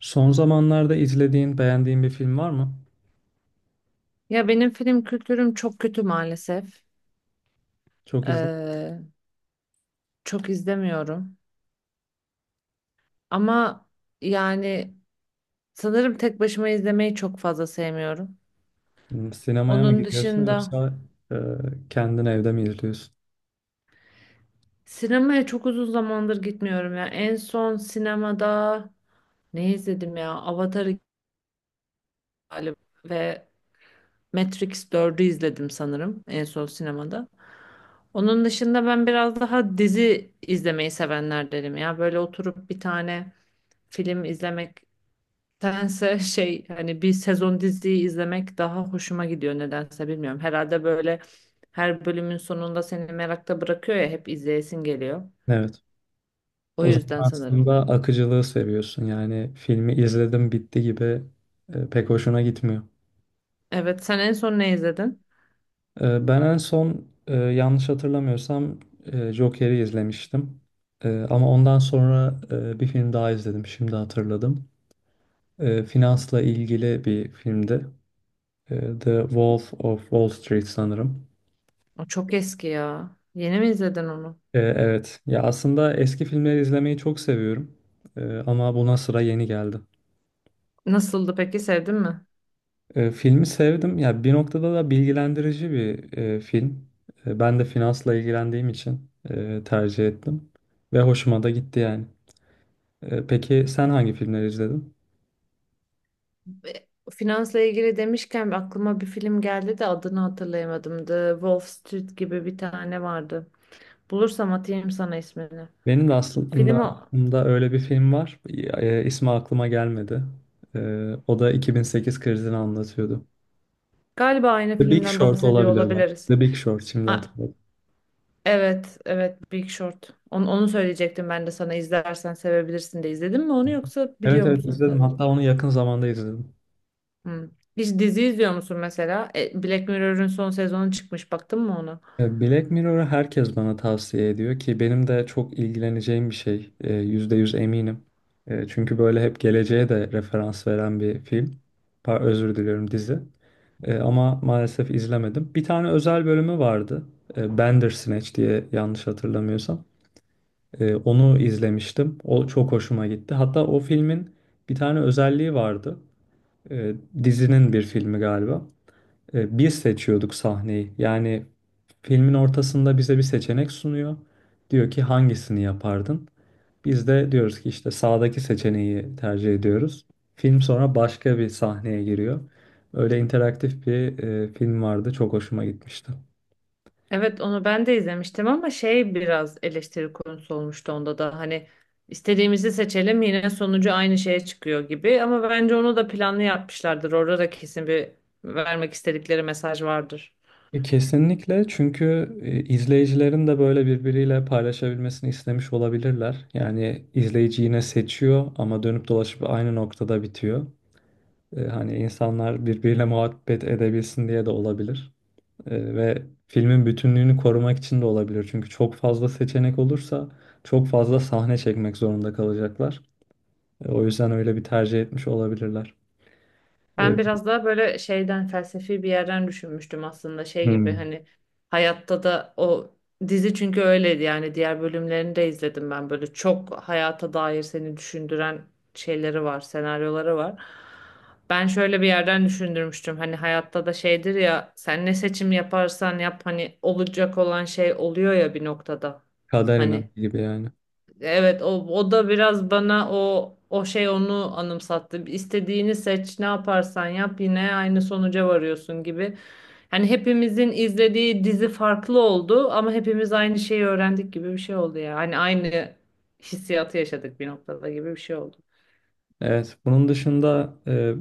Son zamanlarda izlediğin, beğendiğin bir film var mı? Ya benim film kültürüm çok kötü maalesef. Çok izle. Ee, çok izlemiyorum. Ama yani sanırım tek başıma izlemeyi çok fazla sevmiyorum. Hmm. Sinemaya mı Onun gidiyorsun dışında yoksa e, kendin evde mi izliyorsun? sinemaya çok uzun zamandır gitmiyorum ya. En son sinemada ne izledim ya? Avatar iki galiba ve Matrix dördü izledim sanırım en son sinemada. Onun dışında ben biraz daha dizi izlemeyi sevenlerdenim ya. Böyle oturup bir tane film izlemek nedense şey hani bir sezon diziyi izlemek daha hoşuma gidiyor nedense bilmiyorum. Herhalde böyle her bölümün sonunda seni merakta bırakıyor ya hep izleyesin geliyor. Evet. O O zaman yüzden sanırım. aslında akıcılığı seviyorsun. Yani filmi izledim bitti gibi pek hoşuna gitmiyor. Evet, sen en son ne izledin? Ben en son yanlış hatırlamıyorsam Joker'i izlemiştim. Ama ondan sonra bir film daha izledim. Şimdi hatırladım. Finansla ilgili bir filmdi. The Wolf of Wall Street sanırım. O çok eski ya. Yeni mi izledin onu? Evet. Ya aslında eski filmleri izlemeyi çok seviyorum. Ama buna sıra yeni geldi. Nasıldı peki, sevdin mi? Filmi sevdim. Ya bir noktada da bilgilendirici bir film. Ben de finansla ilgilendiğim için tercih ettim ve hoşuma da gitti yani. Peki sen hangi filmleri izledin? Finansla ilgili demişken aklıma bir film geldi de adını hatırlayamadım. The Wolf Street gibi bir tane vardı. Bulursam atayım sana ismini. Benim de aslında Film o. aklımda öyle bir film var. İsmi aklıma gelmedi. O da 2008 krizini anlatıyordu. Galiba aynı The Big filmden Short bahsediyor olabilir bak. olabiliriz. The Big Short şimdi A- hatırladım. Evet, evet, Big Short. Onu söyleyecektim ben de sana, izlersen sevebilirsin de. İzledin mi onu yoksa Evet, biliyor evet, musun izledim. sadece? Hatta onu yakın zamanda izledim. Hmm. Hiç dizi izliyor musun mesela? Black Mirror'ın son sezonu çıkmış. Baktın mı onu? Black Mirror'ı herkes bana tavsiye ediyor ki benim de çok ilgileneceğim bir şey. Yüzde yüz eminim. Çünkü böyle hep geleceğe de referans veren bir film. Özür diliyorum, dizi. Ama maalesef izlemedim. Bir tane özel bölümü vardı. Bandersnatch diye yanlış hatırlamıyorsam. Onu izlemiştim. O çok hoşuma gitti. Hatta o filmin bir tane özelliği vardı. E, Dizinin bir filmi galiba. Biz seçiyorduk sahneyi. Yani filmin ortasında bize bir seçenek sunuyor. Diyor ki hangisini yapardın? Biz de diyoruz ki işte sağdaki seçeneği tercih ediyoruz. Film sonra başka bir sahneye giriyor. Öyle interaktif bir film vardı. Çok hoşuma gitmişti. Evet, onu ben de izlemiştim ama şey, biraz eleştiri konusu olmuştu onda da. Hani istediğimizi seçelim yine sonucu aynı şeye çıkıyor gibi. Ama bence onu da planlı yapmışlardır. Orada da kesin bir vermek istedikleri mesaj vardır. Kesinlikle, çünkü izleyicilerin de böyle birbiriyle paylaşabilmesini istemiş olabilirler. Yani izleyici yine seçiyor ama dönüp dolaşıp aynı noktada bitiyor. Hani insanlar birbiriyle muhabbet edebilsin diye de olabilir. Ve filmin bütünlüğünü korumak için de olabilir. Çünkü çok fazla seçenek olursa çok fazla sahne çekmek zorunda kalacaklar. O yüzden öyle bir tercih etmiş olabilirler. Ben E, biraz daha böyle şeyden, felsefi bir yerden düşünmüştüm aslında, şey gibi Hmm. hani hayatta da o, dizi çünkü öyleydi yani, diğer bölümlerini de izledim ben, böyle çok hayata dair seni düşündüren şeyleri var, senaryoları var. Ben şöyle bir yerden düşündürmüştüm, hani hayatta da şeydir ya, sen ne seçim yaparsan yap hani olacak olan şey oluyor ya bir noktada Kader hani. inancı gibi yani. Evet, o da biraz bana o şey, onu anımsattı. İstediğini seç, ne yaparsan yap yine aynı sonuca varıyorsun gibi. Hani hepimizin izlediği dizi farklı oldu ama hepimiz aynı şeyi öğrendik gibi bir şey oldu ya. Hani aynı hissiyatı yaşadık bir noktada gibi bir şey oldu. Evet, bunun dışında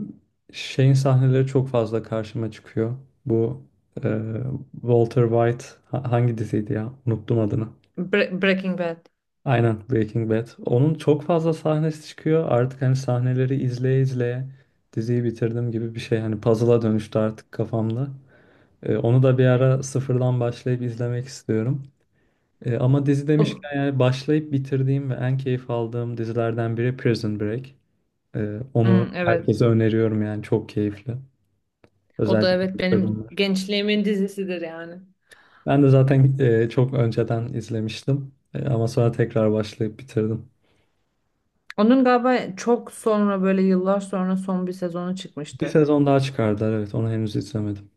şeyin sahneleri çok fazla karşıma çıkıyor. Bu e, Walter White hangi diziydi ya? Unuttum adını. Breaking Bad. Aynen, Breaking Bad. Onun çok fazla sahnesi çıkıyor. Artık hani sahneleri izleye izleye diziyi bitirdim gibi bir şey. Hani puzzle'a dönüştü artık kafamda. Onu da bir ara sıfırdan başlayıp izlemek istiyorum. Ama dizi O- demişken yani başlayıp bitirdiğim ve en keyif aldığım dizilerden biri Prison Break. Onu Hmm, evet. herkese öneriyorum yani çok keyifli. O da Özellikle evet ilk benim sezonlar. gençliğimin dizisidir yani. Ben de zaten çok önceden izlemiştim. Ama sonra tekrar başlayıp bitirdim. Onun galiba çok sonra, böyle yıllar sonra son bir sezonu Bir çıkmıştı. sezon daha çıkardılar, evet, onu henüz izlemedim.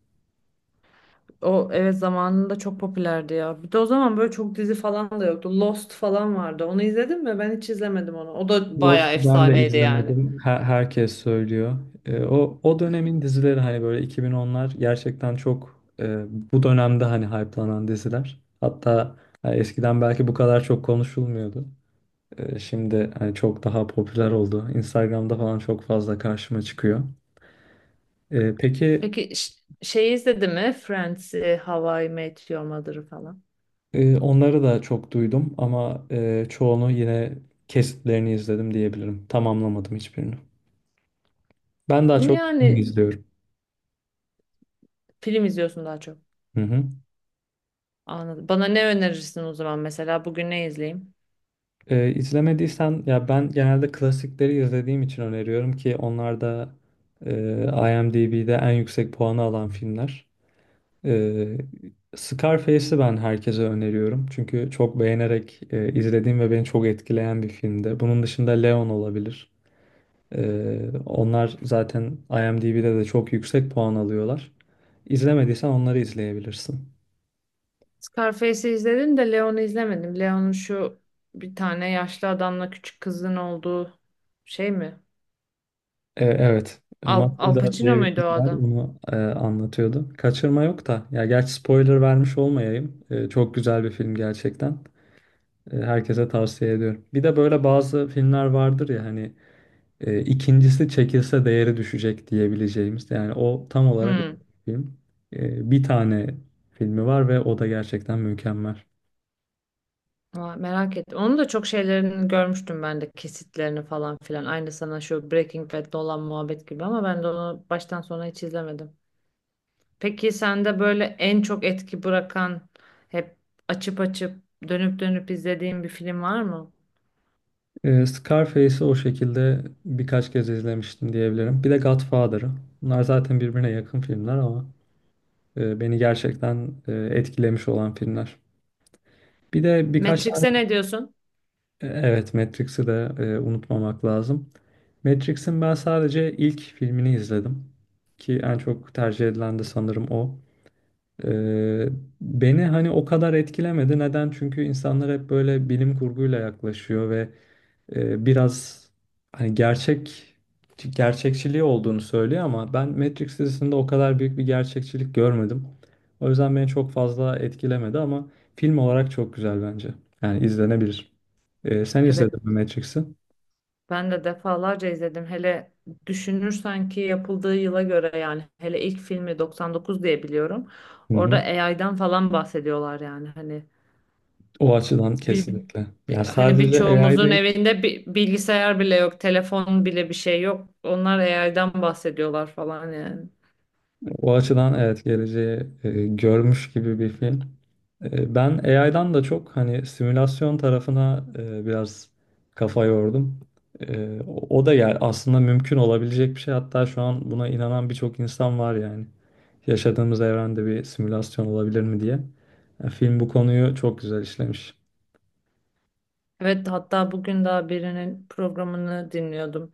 O evet, zamanında çok popülerdi ya. Bir de o zaman böyle çok dizi falan da yoktu. Lost falan vardı. Onu izledin mi? Ben hiç izlemedim onu. O da Lost'u bayağı ben de efsaneydi yani. izlemedim. Herkes söylüyor. O dönemin dizileri hani böyle 2010'lar gerçekten çok bu dönemde hani hype'lanan diziler. Hatta eskiden belki bu kadar çok konuşulmuyordu. Şimdi hani çok daha popüler oldu. Instagram'da falan çok fazla karşıma çıkıyor. Peki Peki şey izledin mi? Friends, How I Met Your Mother'ı falan. Onları da çok duydum ama çoğunu yine kesitlerini izledim diyebilirim. Tamamlamadım hiçbirini. Ben daha çok film Yani izliyorum. film izliyorsun daha çok. Hı hı. Anladım. Bana ne önerirsin o zaman mesela? Bugün ne izleyeyim? İzlemediysen ya ben genelde klasikleri izlediğim için öneriyorum ki onlar da e, IMDb'de en yüksek puanı alan filmler. Ee, Scarface'i ben herkese öneriyorum. Çünkü çok beğenerek izlediğim ve beni çok etkileyen bir filmdi. Bunun dışında Leon olabilir. Onlar zaten IMDb'de de çok yüksek puan alıyorlar. İzlemediysen onları izleyebilirsin. Scarface'i izledim de Leon'u izlemedim. Leon'un şu bir tane yaşlı adamla küçük kızın olduğu şey mi? Evet. Al, Al Matilda Pacino diye bir muydu kız o var. adam? Onu anlatıyordu. Kaçırma yok da. Ya gerçi spoiler vermiş olmayayım. Çok güzel bir film gerçekten. Herkese tavsiye ediyorum. Bir de böyle bazı filmler vardır ya hani ikincisi çekilse değeri düşecek diyebileceğimiz. Yani o tam olarak Hmm. öyle bir film. Bir tane filmi var ve o da gerçekten mükemmel. Aa, merak ettim. Onun da çok şeylerini görmüştüm ben de, kesitlerini falan filan. Aynı sana şu Breaking Bad'de olan muhabbet gibi, ama ben de onu baştan sona hiç izlemedim. Peki sende böyle en çok etki bırakan, hep açıp açıp dönüp dönüp izlediğin bir film var mı? Scarface'i o şekilde birkaç kez izlemiştim diyebilirim. Bir de Godfather'ı. Bunlar zaten birbirine yakın filmler ama beni gerçekten etkilemiş olan filmler. Bir de birkaç tane Matrix'e ne diyorsun? Evet, Matrix'i de unutmamak lazım. Matrix'in ben sadece ilk filmini izledim ki en çok tercih edilen de sanırım o. E, Beni hani o kadar etkilemedi. Neden? Çünkü insanlar hep böyle bilim kurguyla yaklaşıyor ve biraz hani gerçek gerçekçiliği olduğunu söylüyor ama ben Matrix dizisinde o kadar büyük bir gerçekçilik görmedim. O yüzden beni çok fazla etkilemedi ama film olarak çok güzel bence. Yani izlenebilir. Sen Evet, izledin mi Matrix'i? ben de defalarca izledim. Hele düşünürsen ki yapıldığı yıla göre, yani hele ilk filmi 99 diye biliyorum. Hı Orada hı. AI'dan falan bahsediyorlar yani, hani O açıdan bir, kesinlikle. Yani hani sadece AI birçoğumuzun değil. evinde bir bilgisayar bile yok, telefon bile bir şey yok. Onlar AI'dan bahsediyorlar falan yani. O açıdan, evet, geleceği görmüş gibi bir film. Ben AI'dan da çok hani simülasyon tarafına biraz kafa yordum. O da yani aslında mümkün olabilecek bir şey. Hatta şu an buna inanan birçok insan var yani. Yaşadığımız evrende bir simülasyon olabilir mi diye. Film bu konuyu çok güzel işlemiş. Evet, hatta bugün daha birinin programını dinliyordum.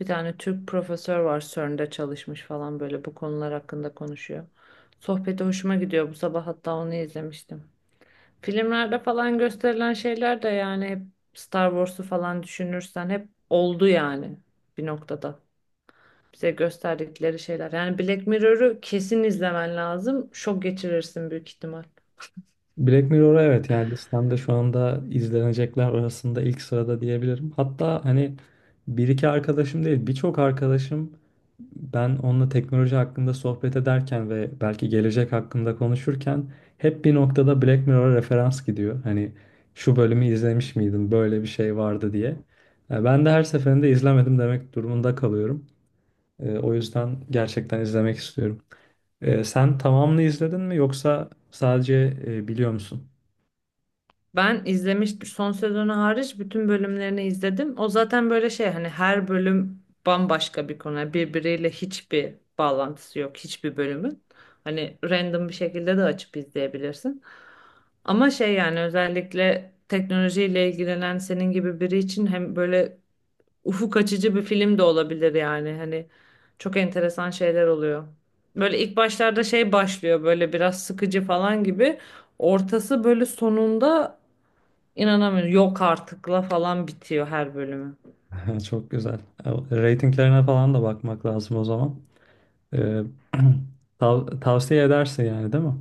Bir tane Türk profesör var, CERN'de çalışmış falan, böyle bu konular hakkında konuşuyor. Sohbeti hoşuma gidiyor. Bu sabah hatta onu izlemiştim. Filmlerde falan gösterilen şeyler de yani hep Star Wars'u falan düşünürsen hep oldu yani bir noktada. Bize gösterdikleri şeyler. Yani Black Mirror'ı kesin izlemen lazım. Şok geçirirsin büyük ihtimal. Black Mirror'a, evet, yani listemde şu anda izlenecekler arasında ilk sırada diyebilirim. Hatta hani bir iki arkadaşım değil, birçok arkadaşım. Ben onunla teknoloji hakkında sohbet ederken ve belki gelecek hakkında konuşurken hep bir noktada Black Mirror'a referans gidiyor. Hani şu bölümü izlemiş miydin, böyle bir şey vardı diye. Ben de her seferinde izlemedim demek durumunda kalıyorum. O yüzden gerçekten izlemek istiyorum. Sen tamamını izledin mi yoksa sadece biliyor musun? Ben izlemiştim. Son sezonu hariç bütün bölümlerini izledim. O zaten böyle şey, hani her bölüm bambaşka bir konu. Yani birbiriyle hiçbir bağlantısı yok hiçbir bölümün. Hani random bir şekilde de açıp izleyebilirsin. Ama şey yani, özellikle teknolojiyle ilgilenen senin gibi biri için hem böyle ufuk açıcı bir film de olabilir yani. Hani çok enteresan şeyler oluyor. Böyle ilk başlarda şey, başlıyor böyle biraz sıkıcı falan gibi. Ortası böyle, sonunda İnanamıyorum. Yok artıkla falan bitiyor her bölümü. Çok güzel. Ratinglerine falan da bakmak lazım o zaman. E, tavsiye edersin yani değil mi?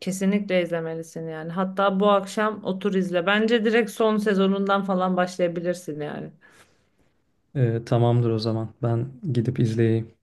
Kesinlikle izlemelisin yani. Hatta bu akşam otur izle. Bence direkt son sezonundan falan başlayabilirsin yani. Tamamdır o zaman. Ben gidip izleyeyim.